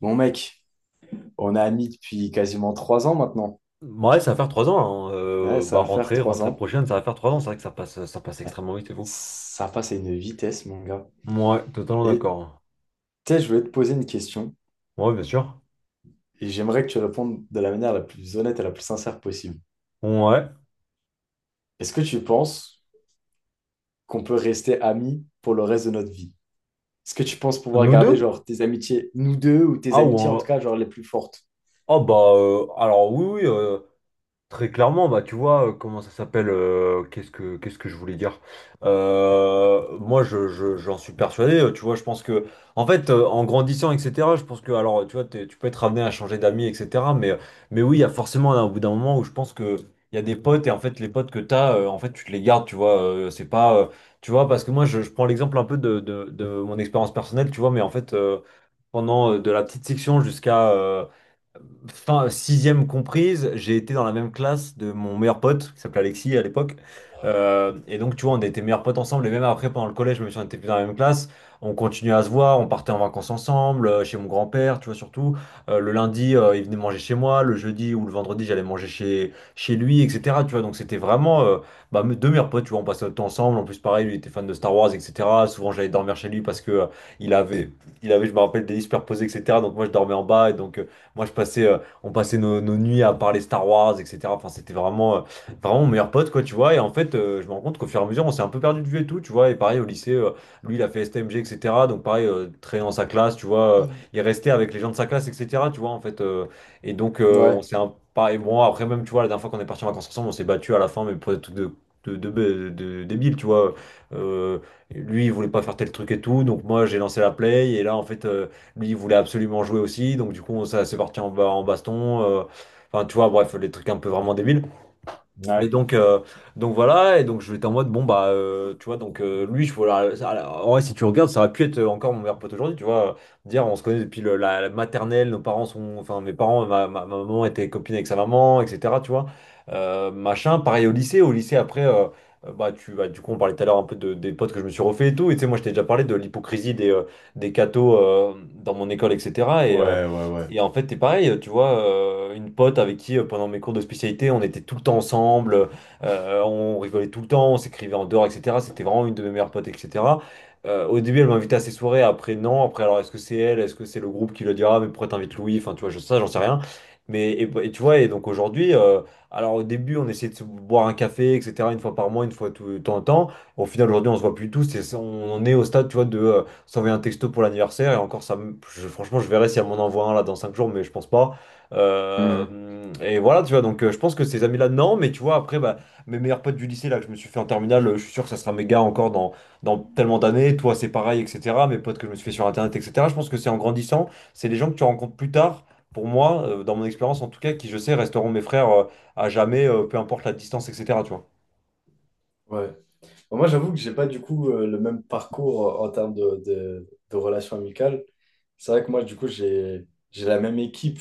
Bon mec, on est amis depuis quasiment 3 ans maintenant. Ouais, Ça va faire 3 ans, hein. Ouais, Euh, ça bah, va faire rentrée, trois rentrée ans. prochaine, ça va faire 3 ans. C'est vrai que ça passe Ouais. extrêmement vite et vous. Ça passe à une vitesse, mon gars. Ouais, totalement Et d'accord. tu sais, je voulais te poser une question Ouais, bien sûr. et j'aimerais que tu répondes de la manière la plus honnête et la plus sincère possible. Ouais. Est-ce que tu penses qu'on peut rester amis pour le reste de notre vie? Est-ce que tu penses pouvoir Nous garder deux? genre tes amitiés, nous deux, ou tes Ah, ou amitiés en tout en- cas, genre les plus fortes? Ah. Alors oui, oui. Très clairement, bah tu vois, comment ça s'appelle, qu'est-ce que je voulais dire? Moi je j'en suis persuadé, tu vois, je pense que en fait en grandissant, etc., je pense que alors tu vois, tu peux être amené à changer d'amis, etc. Mais oui, il y a forcément un au bout d'un moment où je pense que il y a des potes et en fait les potes que t'as, en fait tu te les gardes, tu vois. C'est pas tu vois, parce que moi je prends l'exemple un peu de mon expérience personnelle, tu vois, mais en fait pendant de la petite section jusqu'à fin sixième comprise, j'ai été dans la même classe de mon meilleur pote, qui s'appelait Alexis à l'époque. Et donc, tu vois, on était meilleurs potes ensemble. Et même après, pendant le collège, même si on était plus dans la même classe, on continuait à se voir. On partait en vacances ensemble, chez mon grand-père, tu vois, surtout. Le lundi, il venait manger chez moi. Le jeudi ou le vendredi, j'allais manger chez lui, etc. Tu vois, donc c'était vraiment bah, deux meilleurs potes, tu vois. On passait notre temps ensemble. En plus, pareil, lui était fan de Star Wars, etc. Souvent, j'allais dormir chez lui parce que il avait, il avait, je me rappelle, des lits superposés, etc. Donc, moi, je dormais en bas. Et donc, moi, je passais. On passait nos nuits à parler Star Wars, etc. Enfin, c'était vraiment, vraiment mon meilleur pote, quoi, tu vois. Et en fait, je me rends compte qu'au fur et à mesure, on s'est un peu perdu de vue et tout, tu vois. Et pareil, au lycée, lui, il a fait STMG, etc. Donc, pareil, très dans sa classe, tu vois. Il restait avec les gens de sa classe, etc. Tu vois, en fait. Et donc, on Ouais. s'est bon, après, même, tu vois, la dernière fois qu'on est parti en vacances ensemble, on s'est battu à la fin, mais pour des trucs de débiles, tu vois. Euh, lui, il voulait pas faire tel truc et tout, donc moi, j'ai lancé la play, et là, en fait. Lui, il voulait absolument jouer aussi, donc du coup, ça s'est parti en baston. Enfin, tu vois, bref, les trucs un peu vraiment débiles. Mais Ouais. donc, voilà, et donc je vais en mode, bon bah, tu vois, donc lui, je, voilà, en vrai, si tu regardes, ça aurait pu être encore mon meilleur pote aujourd'hui, tu vois, dire, on se connaît depuis la maternelle, nos parents sont, enfin, mes parents, ma maman était copine avec sa maman, etc., tu vois, machin, pareil au lycée, après, bah, bah, du coup, on parlait tout à l'heure un peu des potes que je me suis refait et tout, et tu sais, moi, je t'ai déjà parlé de l'hypocrisie des cathos dans mon école, etc., et, euh, Ouais. Ouais. et en fait, c'est pareil, tu vois, une pote avec qui, pendant mes cours de spécialité, on était tout le temps ensemble, on rigolait tout le temps, on s'écrivait en dehors, etc. C'était vraiment une de mes meilleures potes, etc. Au début, elle m'invitait à ses soirées, après, non. Après, alors, est-ce que c'est elle? Est-ce que c'est le groupe qui le dira? Mais pourquoi t'invites Louis? Enfin, tu vois, je, ça, j'en sais rien. Mais, tu vois, et donc aujourd'hui, alors au début, on essayait de se boire un café, etc., une fois par mois, une fois tout, de temps en temps. Au final, aujourd'hui, on se voit plus tous, on en est au stade, tu vois, de s'envoyer un texto pour l'anniversaire, et encore franchement je verrai si elle m'en envoie un là dans 5 jours, mais je pense pas. Hmm. Et voilà, tu vois, donc je pense que ces amis là, non, mais tu vois, après, bah, mes meilleurs potes du lycée là que je me suis fait en terminale, je suis sûr que ça sera mes gars encore dans tellement d'années. Toi c'est pareil, etc. Mes potes que je me suis fait sur internet, etc. Je pense que c'est en grandissant, c'est les gens que tu rencontres plus tard, pour moi, dans mon expérience en tout cas, qui je sais resteront mes frères, à jamais, peu importe la distance, etc. Tu vois. Ouais. Bon, moi, j'avoue que j'ai pas du coup le même parcours en termes de relations amicales. C'est vrai que moi, du coup, j'ai la même équipe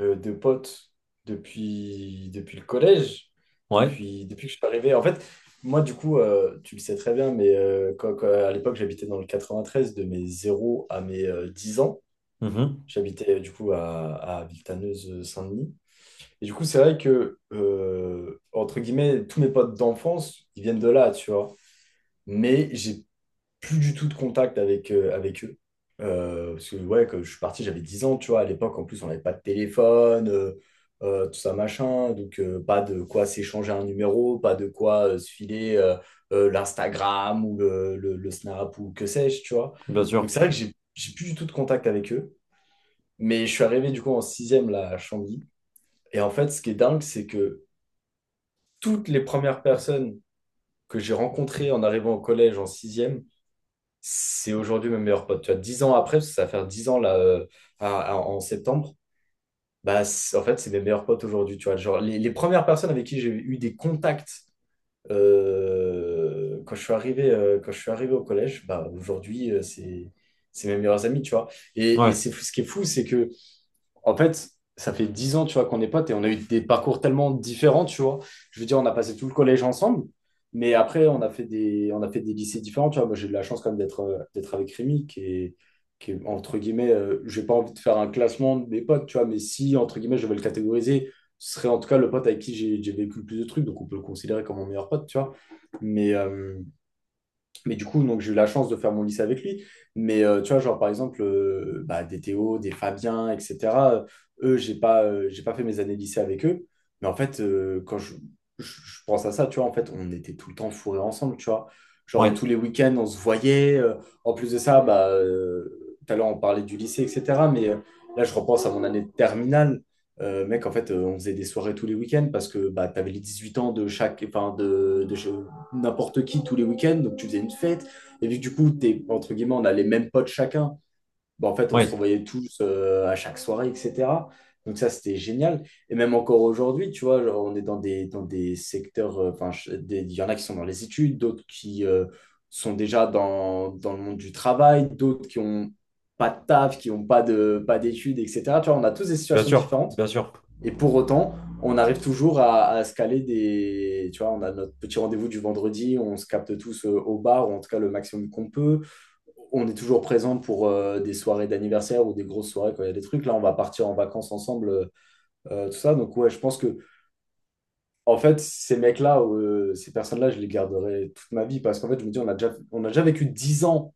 de potes depuis le collège, Ouais. Depuis que je suis arrivé. En fait, moi, du coup, tu le sais très bien, mais à l'époque, j'habitais dans le 93, de mes zéro à mes 10 ans. Mhm. J'habitais du coup à Villetaneuse-Saint-Denis. Et du coup, c'est vrai que, entre guillemets, tous mes potes d'enfance, ils viennent de là, tu vois, mais j'ai plus du tout de contact avec, avec eux. Parce que, ouais, quand je suis parti, j'avais 10 ans, tu vois. À l'époque, en plus, on n'avait pas de téléphone, tout ça, machin. Donc, pas de quoi s'échanger un numéro, pas de quoi se filer l'Instagram ou le Snap ou que sais-je, tu vois. bien Donc, sûr c'est vrai que j'ai plus du tout de contact avec eux. Mais je suis arrivé, du coup, en sixième, là, à Chantilly. Et en fait, ce qui est dingue, c'est que toutes les premières personnes que j'ai rencontrées en arrivant au collège en sixième, c'est aujourd'hui mon meilleur pote. Tu vois, 10 ans après, parce que ça va faire 10 ans là, en septembre, en fait, c'est mes meilleurs potes aujourd'hui. Tu vois, genre, les premières personnes avec qui j'ai eu des contacts quand je suis arrivé au collège, bah, aujourd'hui, c'est mes meilleurs amis, tu vois. Et ouais ce qui est fou, c'est que en fait, ça fait 10 ans, tu vois, qu'on est potes et on a eu des parcours tellement différents, tu vois. Je veux dire, on a passé tout le collège ensemble, mais après, on a fait on a fait des lycées différents, tu vois. Moi, j'ai eu de la chance quand même d'être avec Rémi, qui est, entre guillemets, j'ai pas envie de faire un classement de mes potes, tu vois, mais si, entre guillemets, je vais le catégoriser, ce serait en tout cas le pote avec qui j'ai vécu le plus de trucs, donc on peut le considérer comme mon meilleur pote, tu vois. Mais, euh, mais du coup, donc, j'ai eu la chance de faire mon lycée avec lui. Mais tu vois, genre par exemple, des Théo, des Fabien, etc. euh, Eux, j'ai pas fait mes années lycée avec eux. Mais en fait, je pense à ça, tu vois, en fait, on était tout le temps fourrés ensemble, tu vois. Genre ouais tous les week-ends, on se voyait. En plus de ça, tout à l'heure, on parlait du lycée, etc. Mais là, je repense à mon année de terminale. Mec, en fait, on faisait des soirées tous les week-ends parce que bah, tu avais les 8 ans de chaque, n'importe qui tous les week-ends, donc tu faisais une fête. Et vu que du coup, t'es, entre guillemets, on a les mêmes potes chacun, bah, en fait, on se ouais revoyait tous à chaque soirée, etc. Donc ça, c'était génial. Et même encore aujourd'hui, tu vois, genre, on est dans des secteurs, il y en a qui sont dans les études, d'autres qui sont déjà dans le monde du travail, d'autres qui ont pas de taf, qui n'ont pas pas d'études, etc. Tu vois, on a tous des bien situations sûr différentes. bien sûr Et pour autant, on arrive toujours à se caler des. Tu vois, on a notre petit rendez-vous du vendredi, on se capte tous au bar, ou en tout cas le maximum qu'on peut. On est toujours présent pour des soirées d'anniversaire ou des grosses soirées quand il y a des trucs. Là, on va partir en vacances ensemble, tout ça. Donc, ouais, je pense que, en fait, ces mecs-là, ces personnes-là, je les garderai toute ma vie parce qu'en fait, je me dis, on a déjà vécu 10 ans,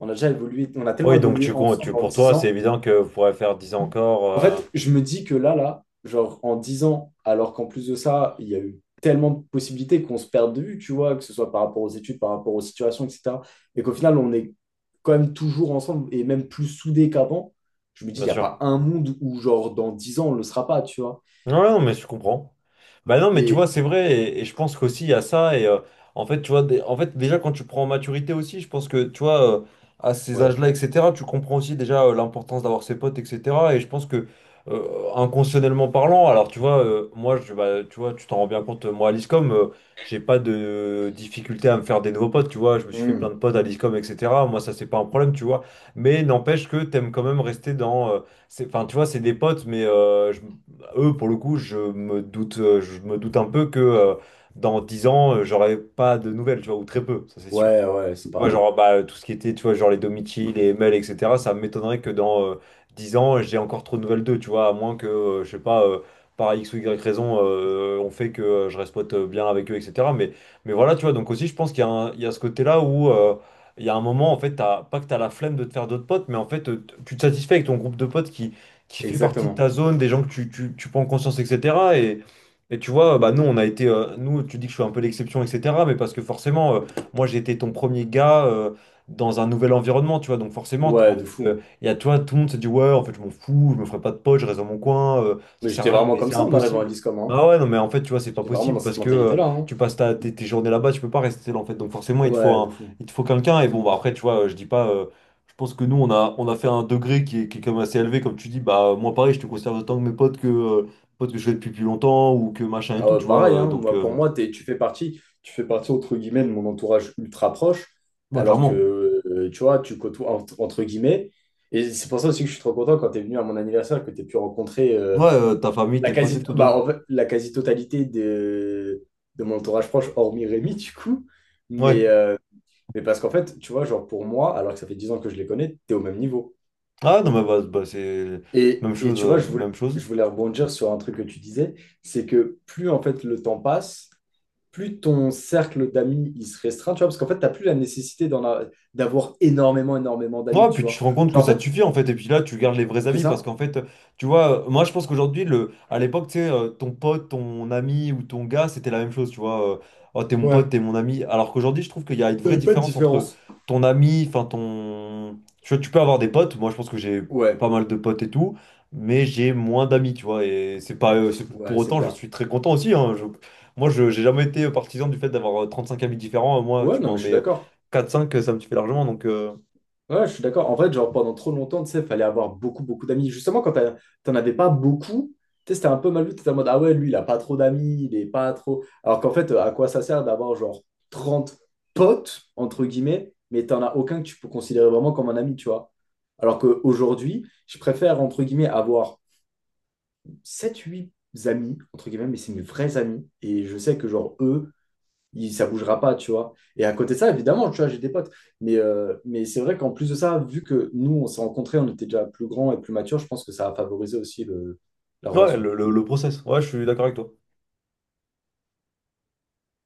on a déjà évolué, on a tellement Oui, donc évolué tu, con- tu ensemble en pour dix toi, c'est ans évident que vous pourrez faire 10 ans encore, En fait, je me dis que là, genre en 10 ans, alors qu'en plus de ça, il y a eu tellement de possibilités qu'on se perd de vue, tu vois, que ce soit par rapport aux études, par rapport aux situations, etc. Et qu'au final, on est quand même toujours ensemble et même plus soudés qu'avant. Je me dis, il bien n'y a sûr. pas un monde où, genre, dans 10 ans, on ne le sera pas, tu vois. Non, non, mais je comprends. Bah non, mais tu vois, Et c'est vrai, et je pense qu'aussi il y a ça, et en fait, tu vois, en fait, déjà quand tu prends en maturité aussi, je pense que, tu vois, à ces ouais. âges-là, etc., tu comprends aussi déjà l'importance d'avoir ses potes, etc., et je pense que, euh, inconsciemment parlant, alors tu vois, moi, je, bah, tu vois, tu t'en rends bien compte, moi, à l'ISCOM, j'ai pas de difficulté à me faire des nouveaux potes, tu vois, je me suis fait Hmm. plein de potes à l'ISCOM, etc., moi, ça, c'est pas un problème, tu vois, mais n'empêche que t'aimes quand même rester dans... c'est- Enfin, tu vois, c'est des potes, mais eux, pour le coup, je me doute un peu que dans 10 ans, j'aurai pas de nouvelles, tu vois, ou très peu, ça c'est sûr. Tu Ouais, ouais, c'est vois, pareil. genre, bah, tout ce qui était, tu vois, genre les Domichi, les Mel, etc., ça m'étonnerait que dans 10 ans, j'ai encore trop de nouvelles d'eux, tu vois, à moins que, je sais pas, par X ou Y raison, on fait que je reste pote bien avec eux, etc. Mais, voilà, tu vois, donc aussi, je pense qu'il y a il y a ce côté-là où il y a un moment, en fait, t'as, pas que t'as la flemme de te faire d'autres potes, mais en fait, tu te satisfais avec ton groupe de potes qui fait partie de Exactement. ta zone, des gens que tu prends en conscience, etc. Et, tu vois, bah, nous, tu dis que je suis un peu l'exception, etc., mais parce que forcément. Moi, j'étais ton premier gars, dans un nouvel environnement, tu vois. Donc forcément, Ouais, en de fait, fou. il y a, tu vois, tout le monde se dit, ouais, en fait, je m'en fous, je me ferai pas de potes, je reste dans mon coin, ça Mais sert j'étais à rien, vraiment mais comme c'est ça en arrivant à impossible. l'ISCOM, hein. Ah ouais, non, mais en fait, tu vois, c'est pas J'étais vraiment possible dans cette parce que mentalité-là, hein. tu passes tes journées là-bas, tu peux pas rester seul, en fait. Donc forcément, Ouais, de fou. il te faut quelqu'un. Et bon, bah, après, tu vois, je dis pas, je pense que nous, on a fait un degré qui est quand même assez élevé, comme tu dis, bah, moi, pareil, je te conserve autant que mes potes que je fais depuis plus longtemps ou que machin et Ah tout, ouais, tu pareil, vois. Hein. Moi, pour moi, tu fais partie entre guillemets de mon entourage ultra proche, Ouais, alors que clairement. Tu vois, tu côtoies entre guillemets. Et c'est pour ça aussi que je suis trop content quand tu es venu à mon anniversaire, que tu aies pu rencontrer Ouais, ta famille, tes potes et tout, de ouf. en fait, la quasi-totalité de mon entourage proche, hormis Rémi, du coup. Mais, Ouais. euh, mais parce qu'en fait, tu vois, genre pour moi, alors que ça fait 10 ans que je les connais, tu es au même niveau. Ah non, mais bah, c'est Et tu vois, même chose. je voulais rebondir sur un truc que tu disais, c'est que plus en fait le temps passe, plus ton cercle d'amis il se restreint, tu vois, parce qu'en fait, t'as plus la nécessité d'avoir énormément, énormément d'amis, Ouais, tu puis tu vois. te rends compte que Genre, en ça te fait, suffit en fait, et puis là tu gardes les vrais c'est amis parce ça? qu'en fait, tu vois, moi je pense qu'aujourd'hui, à l'époque, tu sais, ton pote, ton ami ou ton gars, c'était la même chose, tu vois, oh t'es mon pote, Ouais. t'es mon ami, alors qu'aujourd'hui je trouve qu'il y a une vraie T'avais pas de différence entre différence. ton ami, enfin ton. Tu vois, tu peux avoir des potes, moi je pense que j'ai pas Ouais, mal de potes et tout, mais j'ai moins d'amis, tu vois, et c'est pas. C'est- Pour ouais, c'est autant, j'en clair. suis très content aussi, hein, Moi je j'ai jamais été partisan du fait d'avoir cinq amis différents, moi Ouais, tu non, m'en mais je suis mets d'accord. quatre cinq, ça me suffit largement, donc. Ouais, je suis d'accord. En fait, genre, pendant trop longtemps, tu sais, fallait avoir beaucoup, beaucoup d'amis. Justement, t'en avais pas beaucoup, tu sais, c'était un peu mal vu. T'étais en mode, ah ouais, lui, il a pas trop d'amis, il est pas trop. Alors qu'en fait, à quoi ça sert d'avoir, genre, 30 potes, entre guillemets, mais t'en as aucun que tu peux considérer vraiment comme un ami, tu vois. Alors qu'aujourd'hui, je préfère, entre guillemets, avoir 7 8 amis, entre guillemets, mais c'est mes vrais amis. Et je sais que, genre, eux, il, ça bougera pas, tu vois. Et à côté de ça, évidemment, tu vois, j'ai des potes. Mais c'est vrai qu'en plus de ça, vu que nous, on s'est rencontrés, on était déjà plus grands et plus matures, je pense que ça a favorisé aussi la Ouais, relation. le process. Ouais, je suis d'accord avec toi.